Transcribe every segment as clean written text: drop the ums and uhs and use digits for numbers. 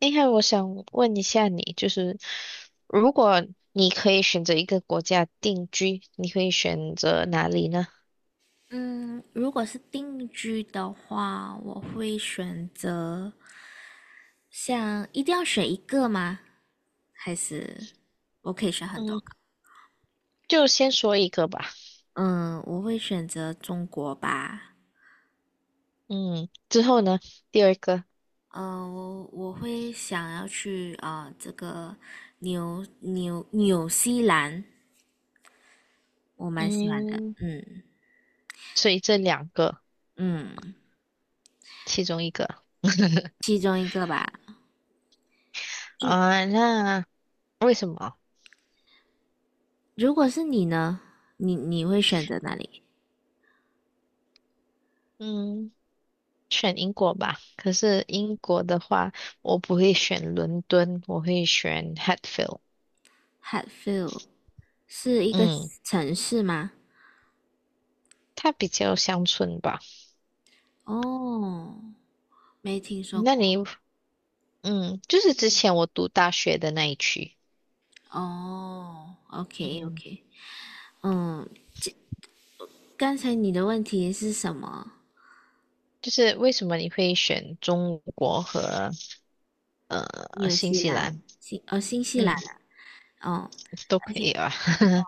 哎，还有我想问一下你，就是如果你可以选择一个国家定居，你会选择哪里呢？嗯，如果是定居的话，我会选择，像一定要选一个吗？还是我可以选很多嗯，个？就先说一个吧。嗯，我会选择中国吧。嗯，之后呢，第二个，嗯，我会想要去啊、这个纽西兰，我蛮喜欢的。嗯，嗯所以这两个嗯，其中一个 其中一个吧。就啊，那为什么？如果是你呢，你会选择哪里嗯，选英国吧。可是英国的话，我不会选伦敦，我会选 Hatfield。？Hatfield 是一个嗯，城市吗？它比较乡村吧。哦，没听说那过。你嗯，就是之前我读大学的那一区，哦，OK 嗯，OK，嗯，刚才你的问题是什么？就是为什么你会选中国和纽新西西兰，兰？新哦，新西兰嗯，啊。哦都可以，OK，啊，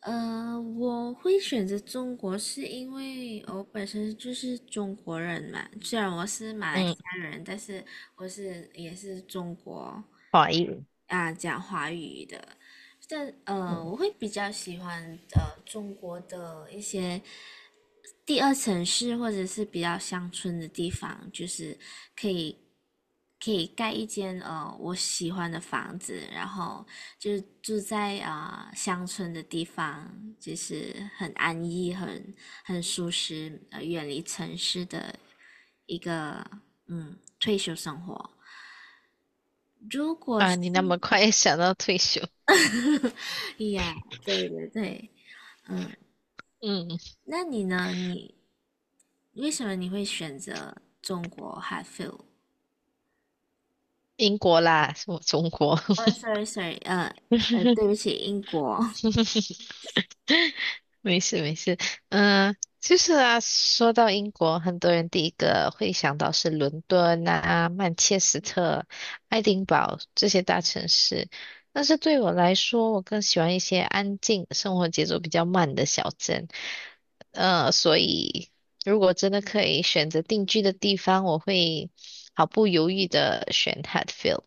我会选择中国是因为我本身就是中国人嘛，虽然我是马来西嗯，亚人，但是我是也是中国华裔，啊，讲华语的。但嗯呃，我会比较喜欢中国的一些第二城市或者是比较乡村的地方，就是可以可以盖一间我喜欢的房子，然后就是住在啊、乡村的地方，就是很安逸、很舒适，呃，远离城市的一个嗯退休生活。啊，你那么快 想到退休，呀，对对对，嗯，那你呢？为什么你会选择中国 Hatfield？英国啦，什么中国？哦，sorry sorry，呃，对不起，英国。没事没事，嗯、就是啊，说到英国，很多人第一个会想到是伦敦啊、曼彻斯特、爱丁堡这些大城市，但是对我来说，我更喜欢一些安静、生活节奏比较慢的小镇。所以如果真的可以选择定居的地方，我会毫不犹豫的选 Hatfield。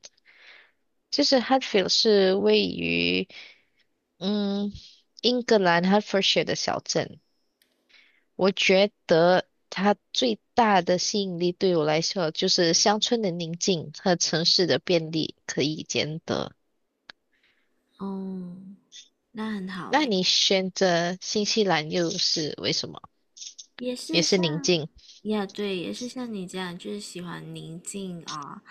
就是 Hatfield 是位于。嗯，英格兰 Hertfordshire 的小镇，我觉得它最大的吸引力对我来说就是乡村的宁静和城市的便利可以兼得。哦，那很好那诶，你选择新西兰又是为什么？也也是是宁像，静。呀，对，也是像你这样，就是喜欢宁静啊，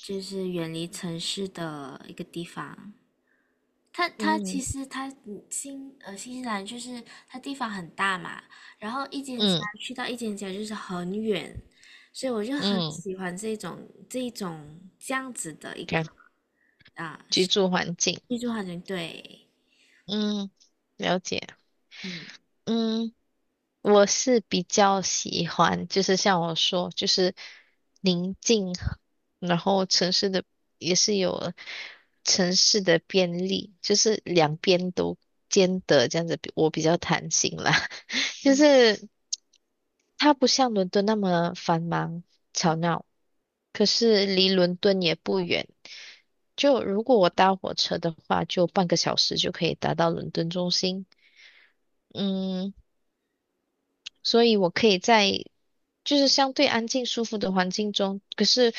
就是远离城市的一个地方。它其嗯实它嗯新新西兰就是它地方很大嘛，然后一间家嗯去到一间家就是很远，所以我就很嗯，喜欢这一种这样子的一个看居住环境。居住环境。对，嗯，了解。嗯，嗯。我是比较喜欢，就是像我说，就是宁静，然后城市的也是有城市的便利，就是两边都兼得这样子，我比较弹性啦。就是它不像伦敦那么繁忙吵闹，可是离伦敦也不远。就如果我搭火车的话，就半个小时就可以达到伦敦中心。嗯，所以我可以在就是相对安静舒服的环境中。可是，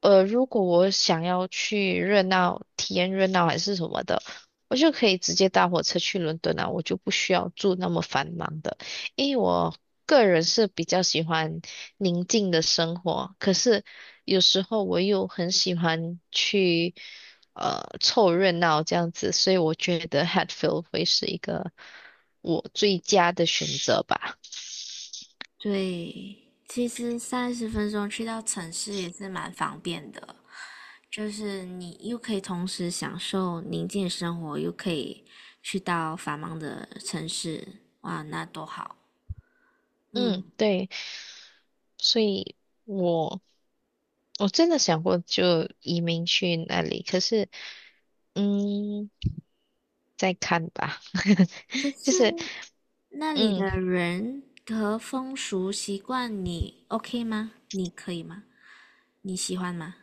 如果我想要去热闹，体验热闹还是什么的，我就可以直接搭火车去伦敦啊，我就不需要住那么繁忙的。因为我个人是比较喜欢宁静的生活，可是有时候我又很喜欢去。凑热闹这样子，所以我觉得 Hatfield 会是一个我最佳的选择吧。对，其实30分钟去到城市也是蛮方便的，就是你又可以同时享受宁静的生活，又可以去到繁忙的城市，哇，那多好！嗯，嗯，对，所以我我真的想过就移民去那里，可是嗯，再看吧，可就是是那里嗯，的人和风俗习惯你 OK 吗？你可以吗？你喜欢吗？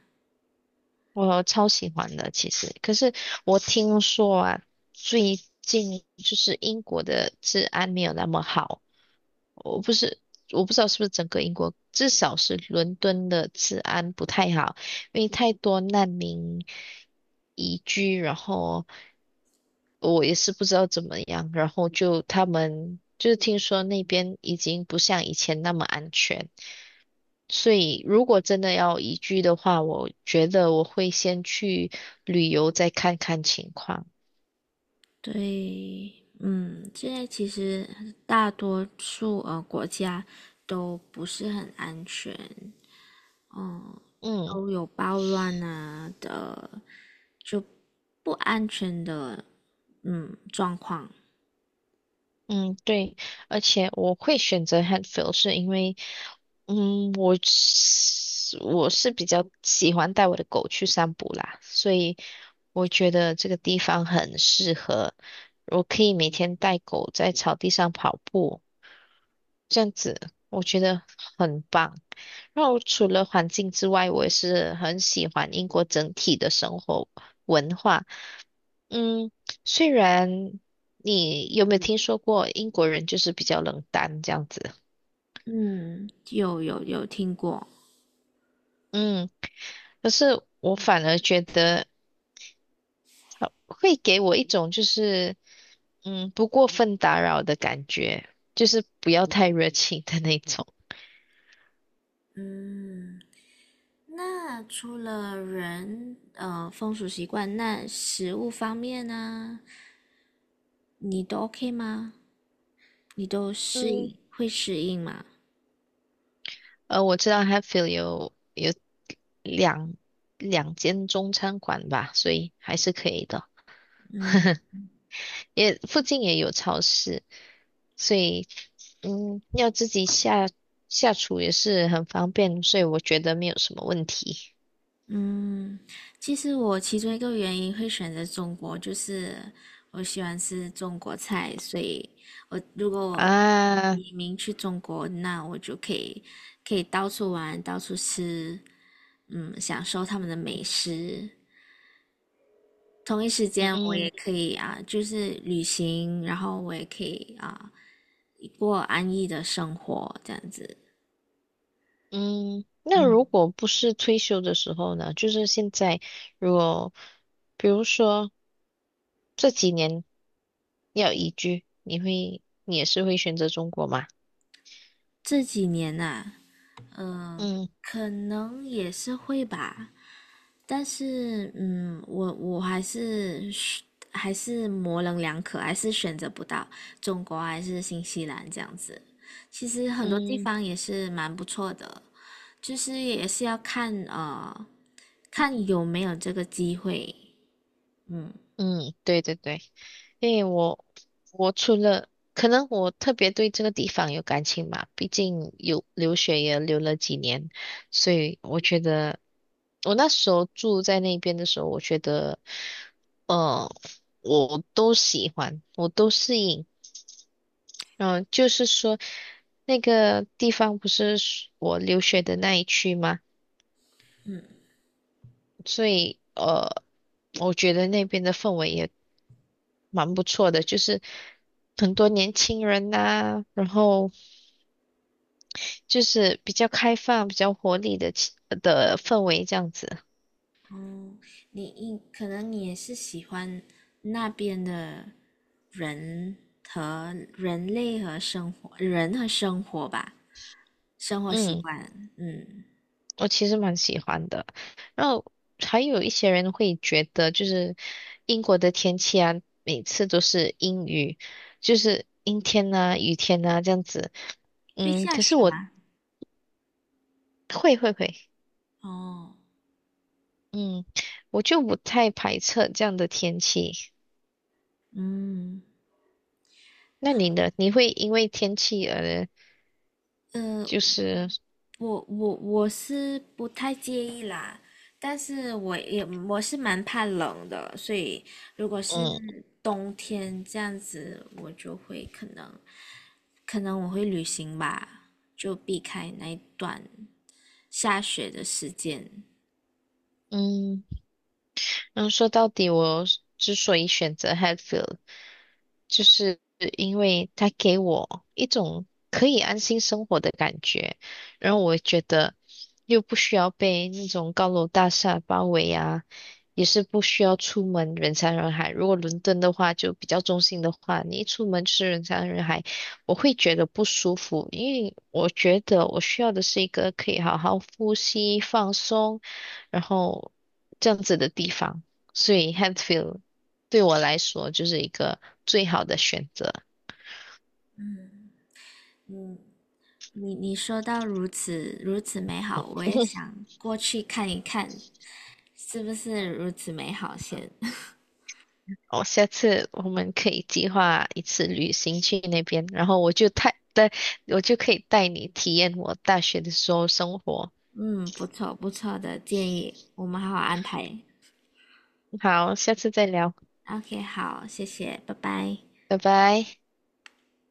我超喜欢的，其实。可是我听说啊，最近就是英国的治安没有那么好。我不是，我不知道是不是整个英国，至少是伦敦的治安不太好，因为太多难民移居，然后我也是不知道怎么样，然后就他们就是听说那边已经不像以前那么安全。所以，如果真的要移居的话，我觉得我会先去旅游，再看看情况。对，嗯，现在其实大多数国家都不是很安全，嗯，嗯都有暴乱啊的，就不安全的，嗯，状况，嗯，对，而且我会选择 Hatfield，是因为，我是比较喜欢带我的狗去散步啦，所以我觉得这个地方很适合，我可以每天带狗在草地上跑步，这样子我觉得很棒。然后除了环境之外，我也是很喜欢英国整体的生活文化。嗯，虽然你有没有听说过英国人就是比较冷淡这样子？嗯，有听过，嗯，可是我反而觉得会给我一种就是不过分打扰的感觉，就是不要太热情的那种。嗯，那除了人，呃，风俗习惯，那食物方面呢，你都 OK 吗？你都适嗯，应，会适应吗？我知道 h a t f i e l 有两两间中餐馆吧，所以还是可以的。嗯，也附近也有超市，所以要自己下厨也是很方便，所以我觉得没有什么问题嗯，其实我其中一个原因会选择中国，就是我喜欢吃中国菜，所以我如果我啊。移民去中国，那我就可以到处玩，到处吃，嗯，享受他们的美食。同一时间，我也嗯可以啊，就是旅行，然后我也可以啊，过安逸的生活，这样子。嗯，那嗯，如果不是退休的时候呢？就是现在，如果比如说这几年要移居，你也是会选择中国吗？这几年呐，嗯。可能也是会吧。但是，嗯，我还是还是模棱两可，还是选择不到中国还是新西兰这样子。其实很多地嗯方也是蛮不错的，就是也是要看看有没有这个机会。嗯，嗯，对对对，因为我除了可能我特别对这个地方有感情嘛，毕竟有留学也留了几年，所以我觉得我那时候住在那边的时候，我觉得，呃，我都喜欢，我都适应。就是说那个地方不是我留学的那一区吗？所以我觉得那边的氛围也蛮不错的，就是很多年轻人呐、然后就是比较开放、比较活力的氛围这样子。哦，你可能你也是喜欢那边的人人和生活吧，生活习嗯，惯。嗯，我其实蛮喜欢的。然后还有一些人会觉得，就是英国的天气啊，每次都是阴雨，就是阴天呐、雨天呐、这样子。会嗯，下可是雪我吗？会会会。哦。嗯，我就不太排斥这样的天气。嗯，那你呢？你会因为天气而呃，就是我我是不太介意啦，但是我是蛮怕冷的，所以如果是嗯冬天这样子，我就会可能我会旅行吧，就避开那一段下雪的时间。嗯然后说到底，我之所以选择 Hatfield，就是因为它给我一种可以安心生活的感觉，然后我觉得又不需要被那种高楼大厦包围啊，也是不需要出门人山人海。如果伦敦的话，就比较中心的话，你一出门就是人山人海，我会觉得不舒服，因为我觉得我需要的是一个可以好好呼吸、放松，然后这样子的地方。所以 Hatfield 对我来说就是一个最好的选择。嗯，你说到如此美好，我也 想过去看一看，是不是如此美好先？哦，下次我们可以计划一次旅行去那边，然后我就可以带你体验我大学的时候生活。嗯，不错的建议，我们好好安排。好，下次再聊，OK，好，谢谢，拜拜。拜拜。